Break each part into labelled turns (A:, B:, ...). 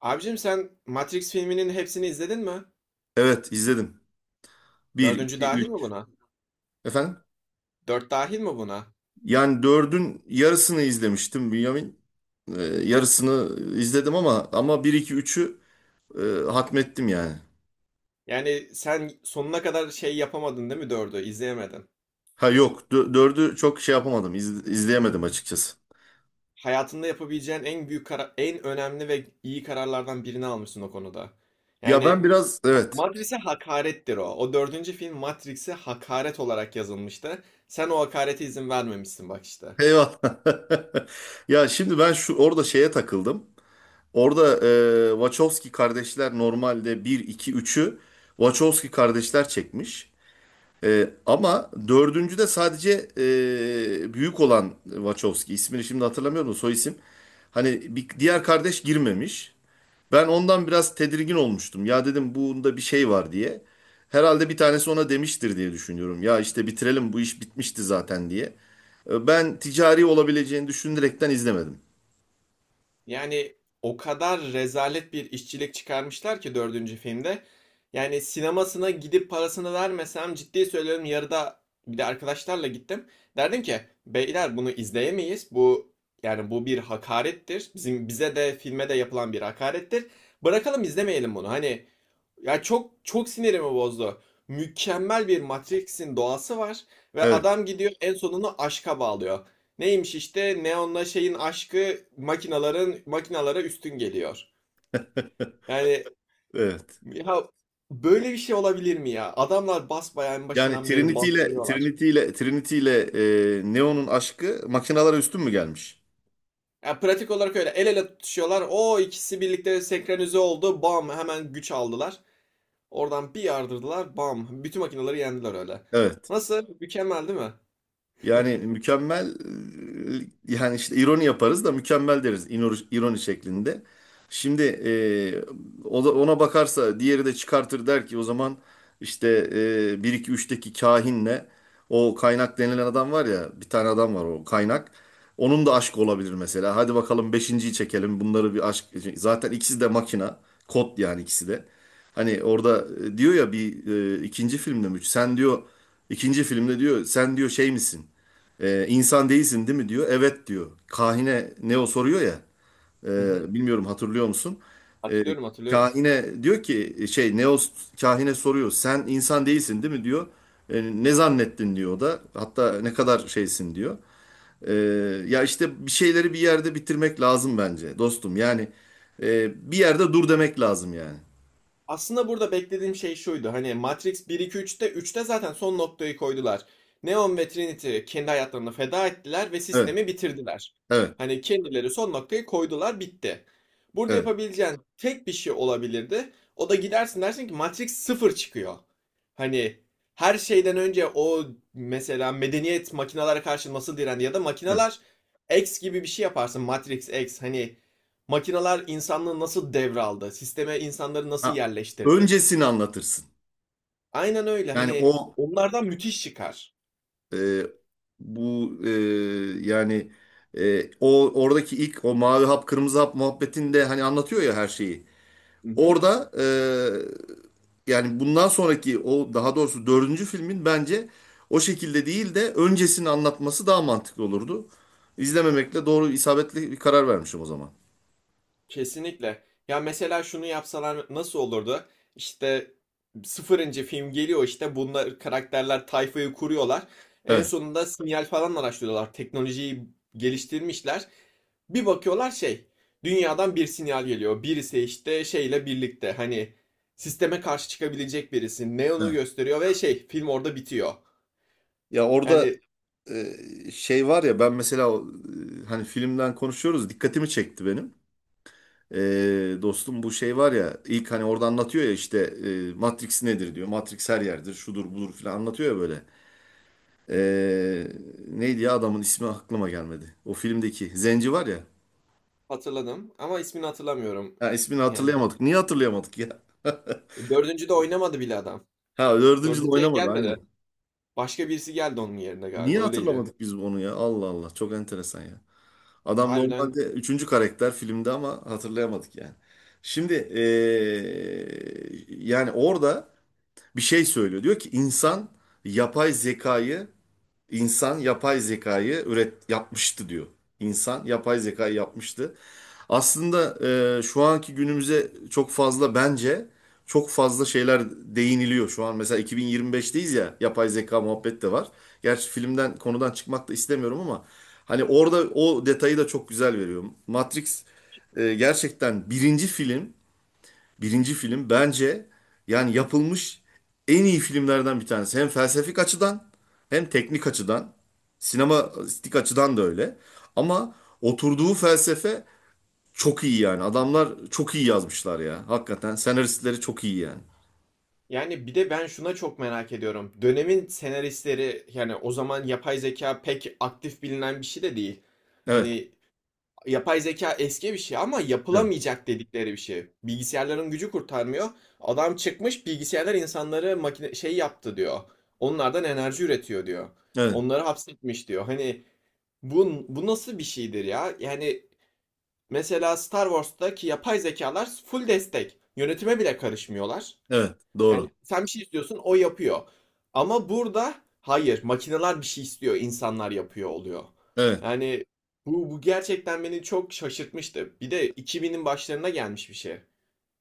A: Abicim sen Matrix filminin hepsini izledin mi?
B: Evet izledim. Bir
A: Dördüncü
B: 2
A: dahil mi
B: üç.
A: buna?
B: Efendim?
A: Dört dahil mi buna?
B: Yani dördün yarısını izlemiştim, Bünyamin. Yarısını izledim ama bir 2 üçü e, hatmettim yani.
A: Yani sen sonuna kadar yapamadın değil mi dördü? İzleyemedin.
B: Ha, yok, dördü çok şey yapamadım, izleyemedim açıkçası.
A: Hayatında yapabileceğin en büyük en önemli ve iyi kararlardan birini almışsın o konuda.
B: Ya ben
A: Yani
B: biraz, evet,
A: Matrix'e hakarettir o. O dördüncü film Matrix'e hakaret olarak yazılmıştı. Sen o hakarete izin vermemişsin bak işte.
B: eyvallah. Ya şimdi ben şu orada şeye takıldım. Orada Wachowski kardeşler normalde bir 2 üçü Wachowski kardeşler çekmiş. Ama dördüncü de sadece büyük olan Wachowski, ismini şimdi hatırlamıyorum da, soy isim. Hani bir, diğer kardeş girmemiş. Ben ondan biraz tedirgin olmuştum. Ya dedim bunda bir şey var diye. Herhalde bir tanesi ona demiştir diye düşünüyorum. Ya işte bitirelim bu iş bitmişti zaten diye. Ben ticari olabileceğini düşünerekten izlemedim.
A: Yani o kadar rezalet bir işçilik çıkarmışlar ki dördüncü filmde. Yani sinemasına gidip parasını vermesem ciddi söylüyorum yarıda, bir de arkadaşlarla gittim. Derdim ki beyler bunu izleyemeyiz. Bu, yani bu bir hakarettir. Bizim, bize de filme de yapılan bir hakarettir. Bırakalım izlemeyelim bunu. Hani ya çok çok sinirimi bozdu. Mükemmel bir Matrix'in doğası var ve
B: Evet.
A: adam gidiyor en sonunu aşka bağlıyor. Neymiş işte Neon'la şeyin aşkı makinalara üstün geliyor. Yani
B: Evet.
A: ya böyle bir şey olabilir mi ya? Adamlar basbayağı en
B: Yani
A: başından beri
B: Trinity ile
A: bastırıyorlar.
B: Trinity ile Trinity ile Neo'nun aşkı makinalara üstün mü gelmiş?
A: Ya pratik olarak öyle el ele tutuşuyorlar. O ikisi birlikte senkronize oldu. Bam hemen güç aldılar. Oradan bir yardırdılar. Bam. Bütün makinaları yendiler öyle.
B: Evet.
A: Nasıl? Mükemmel değil mi?
B: Yani mükemmel yani işte ironi yaparız da mükemmel deriz, ironi şeklinde. Şimdi o da ona bakarsa diğeri de çıkartır der ki o zaman işte 1 2 3'teki kahinle, o kaynak denilen adam var ya, bir tane adam var, o kaynak. Onun da aşkı olabilir mesela. Hadi bakalım beşinciyi çekelim. Bunları bir aşk, zaten ikisi de makina. Kod yani ikisi de. Hani orada diyor ya bir ikinci filmde mi? Sen diyor, ikinci filmde diyor, sen diyor, şey misin? İnsan değilsin değil mi diyor. Evet diyor. Kahine Neo soruyor ya.
A: Hı hı.
B: Bilmiyorum, hatırlıyor musun? Ee,
A: Hatırlıyorum, hatırlıyorum.
B: kahine diyor ki şey, Neo kahine soruyor. Sen insan değilsin değil mi diyor. "E, ne zannettin" diyor o da. "Hatta ne kadar şeysin" diyor. Ee, ya işte bir şeyleri bir yerde bitirmek lazım bence dostum. Yani bir yerde dur demek lazım yani.
A: Aslında burada beklediğim şey şuydu. Hani Matrix bir, 2, üçte zaten son noktayı koydular. Neon ve Trinity kendi hayatlarını feda ettiler ve
B: Evet,
A: sistemi bitirdiler.
B: evet,
A: Hani kendileri son noktayı koydular, bitti. Burada
B: evet,
A: yapabileceğin tek bir şey olabilirdi. O da gidersin dersin ki Matrix sıfır çıkıyor. Hani her şeyden önce o, mesela medeniyet makinalara karşı nasıl direndi ya da
B: evet.
A: makinalar X gibi bir şey yaparsın. Matrix X, hani makineler insanlığı nasıl devraldı? Sisteme insanları nasıl
B: Ha,
A: yerleştirdi?
B: öncesini anlatırsın.
A: Aynen öyle.
B: Yani
A: Hani
B: o.
A: onlardan müthiş çıkar.
B: E, Bu yani o oradaki ilk o mavi hap kırmızı hap muhabbetinde hani anlatıyor ya her şeyi.
A: Hı hı.
B: Orada yani bundan sonraki o, daha doğrusu dördüncü filmin, bence o şekilde değil de öncesini anlatması daha mantıklı olurdu. İzlememekle doğru, isabetli bir karar vermişim o zaman.
A: Kesinlikle. Ya mesela şunu yapsalar nasıl olurdu? İşte sıfırıncı film geliyor, işte bunlar karakterler tayfayı kuruyorlar. En
B: Evet.
A: sonunda sinyal falan araştırıyorlar. Teknolojiyi geliştirmişler. Bir bakıyorlar dünyadan bir sinyal geliyor. Birisi işte şeyle birlikte hani sisteme karşı çıkabilecek birisi. Neon'u
B: Evet.
A: gösteriyor ve şey film orada bitiyor.
B: Ya orada
A: Yani
B: şey var ya, ben mesela o, hani filmden konuşuyoruz, dikkatimi çekti benim. Dostum bu şey var ya, ilk hani orada anlatıyor ya işte Matrix nedir diyor. Matrix her yerdir, şudur budur filan anlatıyor ya böyle. Ee, neydi ya, adamın ismi aklıma gelmedi. O filmdeki Zenci var ya.
A: hatırladım ama ismini hatırlamıyorum.
B: Ha, ismini
A: Yani
B: hatırlayamadık. Niye hatırlayamadık ya?
A: dördüncü de oynamadı bile adam.
B: Ha, dördüncü de
A: Dördüncüye
B: oynamadı
A: gelmedi.
B: aynen.
A: Başka birisi geldi onun yerine
B: Niye
A: galiba. Öyleydi.
B: hatırlamadık biz onu ya? Allah Allah, çok enteresan ya. Adam
A: Harbiden.
B: normalde üçüncü karakter filmde ama hatırlayamadık yani. Şimdi yani orada bir şey söylüyor. Diyor ki yapay zekayı İnsan yapay zekayı yapmıştı diyor. İnsan yapay zekayı yapmıştı. Aslında şu anki günümüze çok fazla, bence çok fazla şeyler değiniliyor şu an. Mesela 2025'teyiz ya, yapay zeka muhabbet de var. Gerçi filmden, konudan çıkmak da istemiyorum ama hani orada o detayı da çok güzel veriyor. Matrix gerçekten Birinci film bence yani yapılmış en iyi filmlerden bir tanesi. Hem felsefik açıdan, hem teknik açıdan, sinematik açıdan da öyle. Ama oturduğu felsefe çok iyi yani. Adamlar çok iyi yazmışlar ya. Hakikaten senaristleri çok iyi yani.
A: Yani bir de ben şuna çok merak ediyorum. Dönemin senaristleri, yani o zaman yapay zeka pek aktif bilinen bir şey de değil.
B: Evet,
A: Hani yapay zeka eski bir şey ama
B: evet,
A: yapılamayacak dedikleri bir şey. Bilgisayarların gücü kurtarmıyor. Adam çıkmış bilgisayarlar insanları makine şey yaptı diyor. Onlardan enerji üretiyor diyor.
B: evet,
A: Onları hapsetmiş diyor. Hani bu nasıl bir şeydir ya? Yani mesela Star Wars'taki yapay zekalar full destek. Yönetime bile karışmıyorlar.
B: evet,
A: Yani
B: doğru.
A: sen bir şey istiyorsun, o yapıyor. Ama burada hayır, makineler bir şey istiyor, insanlar yapıyor oluyor.
B: Evet.
A: Yani bu gerçekten beni çok şaşırtmıştı. Bir de 2000'in başlarına gelmiş bir şey.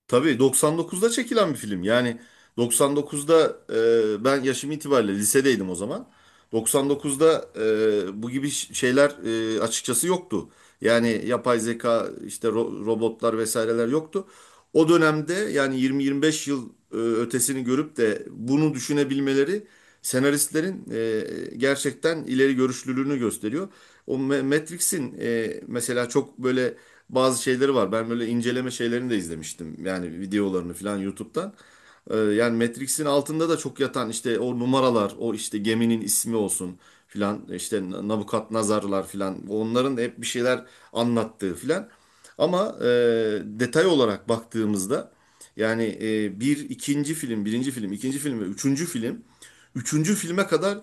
B: Tabii 99'da çekilen bir film. Yani 99'da, ben yaşım itibariyle lisedeydim o zaman. 99'da bu gibi şeyler açıkçası yoktu. Yani yapay zeka, işte robotlar vesaireler yoktu. O dönemde yani 20-25 yıl ötesini görüp de bunu düşünebilmeleri, senaristlerin gerçekten ileri görüşlülüğünü gösteriyor. O Matrix'in mesela çok böyle bazı şeyleri var. Ben böyle inceleme şeylerini de izlemiştim. Yani videolarını falan YouTube'dan. Yani Matrix'in altında da çok yatan işte o numaralar, o işte geminin ismi olsun filan, işte Nabukadnezarlar filan. Onların hep bir şeyler anlattığı filan. Ama detay olarak baktığımızda yani bir ikinci film, birinci film, ikinci film ve üçüncü film, üçüncü filme kadar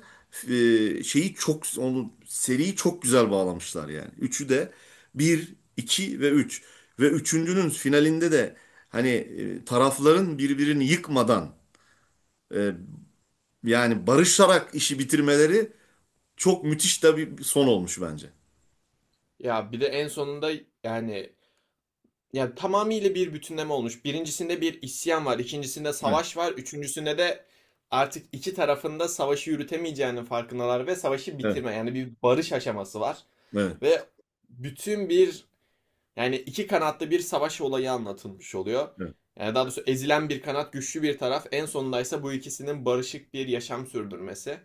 B: şeyi çok, onu, seriyi çok güzel bağlamışlar yani. Üçü de, bir 2 ve üç. Ve üçüncünün finalinde de hani tarafların birbirini yıkmadan e, yani barışarak işi bitirmeleri çok müthiş de bir son olmuş bence.
A: Ya bir de en sonunda yani, yani tamamıyla bir bütünleme olmuş. Birincisinde bir isyan var, ikincisinde
B: Evet,
A: savaş var, üçüncüsünde de artık iki tarafında savaşı yürütemeyeceğinin farkındalar ve savaşı
B: evet,
A: bitirme, yani bir barış aşaması var.
B: evet,
A: Ve bütün bir, yani iki kanatlı bir savaş olayı anlatılmış oluyor.
B: evet,
A: Yani daha doğrusu ezilen bir kanat, güçlü bir taraf. En sonunda ise bu ikisinin barışık bir yaşam sürdürmesi.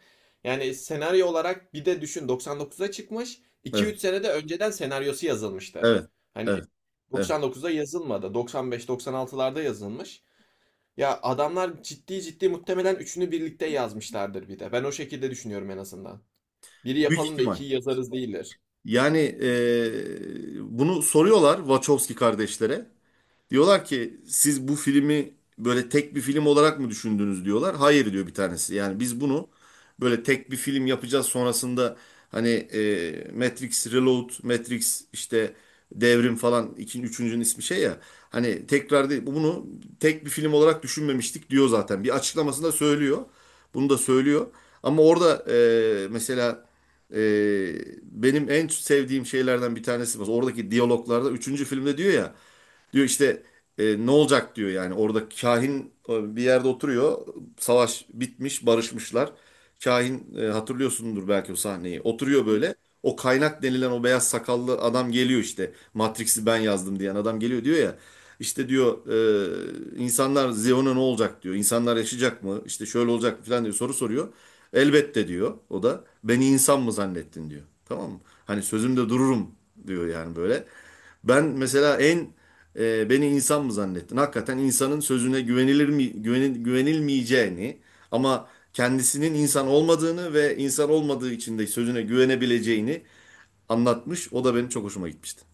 A: Yani senaryo olarak bir de düşün 99'a çıkmış.
B: evet,
A: 2-3 sene de önceden senaryosu yazılmıştır.
B: evet,
A: Hani
B: evet, evet.
A: 99'da yazılmadı. 95-96'larda yazılmış. Ya adamlar ciddi ciddi muhtemelen üçünü birlikte yazmışlardır bir de. Ben o şekilde düşünüyorum en azından. Biri
B: Büyük
A: yapalım da
B: ihtimal.
A: ikiyi yazarız değiller.
B: Yani bunu soruyorlar Wachowski kardeşlere. Diyorlar ki, siz bu filmi böyle tek bir film olarak mı düşündünüz diyorlar. Hayır diyor bir tanesi. Yani biz bunu böyle tek bir film yapacağız sonrasında hani Matrix Reload, Matrix işte Devrim falan, ikinci üçüncünün ismi şey ya. Hani tekrar değil, bunu tek bir film olarak düşünmemiştik diyor zaten. Bir açıklamasında söylüyor. Bunu da söylüyor. Ama orada mesela e, benim en sevdiğim şeylerden bir tanesi var. Oradaki diyaloglarda üçüncü filmde diyor ya. Diyor işte ne olacak diyor, yani orada kahin bir yerde oturuyor. Savaş bitmiş, barışmışlar. Kahin, hatırlıyorsundur belki o sahneyi. Oturuyor
A: Hı?
B: böyle. O kaynak denilen o beyaz sakallı adam geliyor işte. Matrix'i ben yazdım diyen adam geliyor diyor ya. İşte diyor insanlar, Zion'a ne olacak diyor. İnsanlar yaşayacak mı? İşte şöyle olacak mı falan diyor, soru soruyor. Elbette diyor o da. Beni insan mı zannettin diyor. Tamam mı? Hani sözümde dururum diyor yani böyle. Ben mesela en beni insan mı zannettin? Hakikaten insanın sözüne güvenilir mi güvenilmeyeceğini, ama kendisinin insan olmadığını ve insan olmadığı için de sözüne güvenebileceğini anlatmış. O da benim çok hoşuma gitmişti.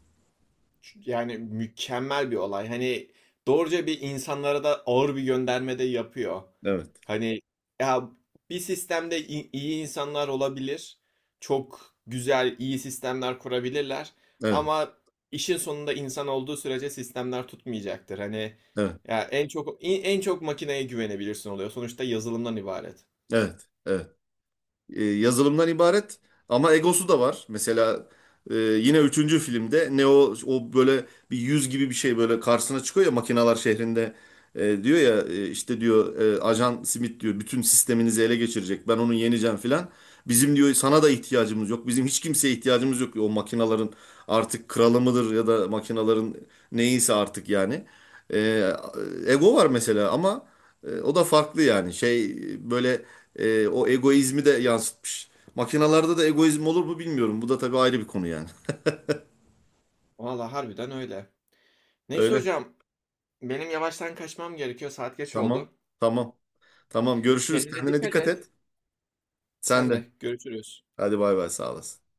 A: Yani mükemmel bir olay. Hani doğruca bir insanlara da ağır bir gönderme de yapıyor.
B: Evet.
A: Hani ya bir sistemde iyi insanlar olabilir. Çok güzel, iyi sistemler kurabilirler.
B: Evet.
A: Ama işin sonunda insan olduğu sürece sistemler tutmayacaktır. Hani
B: Evet.
A: ya en çok, en çok makineye güvenebilirsin oluyor. Sonuçta yazılımdan ibaret.
B: Evet. Evet. Yazılımdan ibaret ama egosu da var. Mesela yine üçüncü filmde Neo o böyle bir yüz gibi bir şey böyle karşısına çıkıyor ya, makinalar şehrinde. Diyor ya işte diyor Ajan Smith diyor bütün sisteminizi ele geçirecek, ben onu yeneceğim filan. Bizim diyor sana da ihtiyacımız yok. Bizim hiç kimseye ihtiyacımız yok, diyor. O makinaların artık kralı mıdır ya da makinaların, neyse artık yani. E, Ego var mesela ama o da farklı yani. Şey böyle, o egoizmi de yansıtmış. Makinalarda da egoizm olur mu bilmiyorum. Bu da tabii ayrı bir konu yani.
A: Valla harbiden öyle. Neyse
B: Öyle.
A: hocam, benim yavaştan kaçmam gerekiyor. Saat geç
B: Tamam.
A: oldu.
B: Tamam. Tamam. Görüşürüz.
A: Kendine
B: Kendine
A: dikkat
B: dikkat
A: et.
B: et. Sen
A: Sen
B: de.
A: de görüşürüz.
B: Hadi bay bay. Sağ olasın.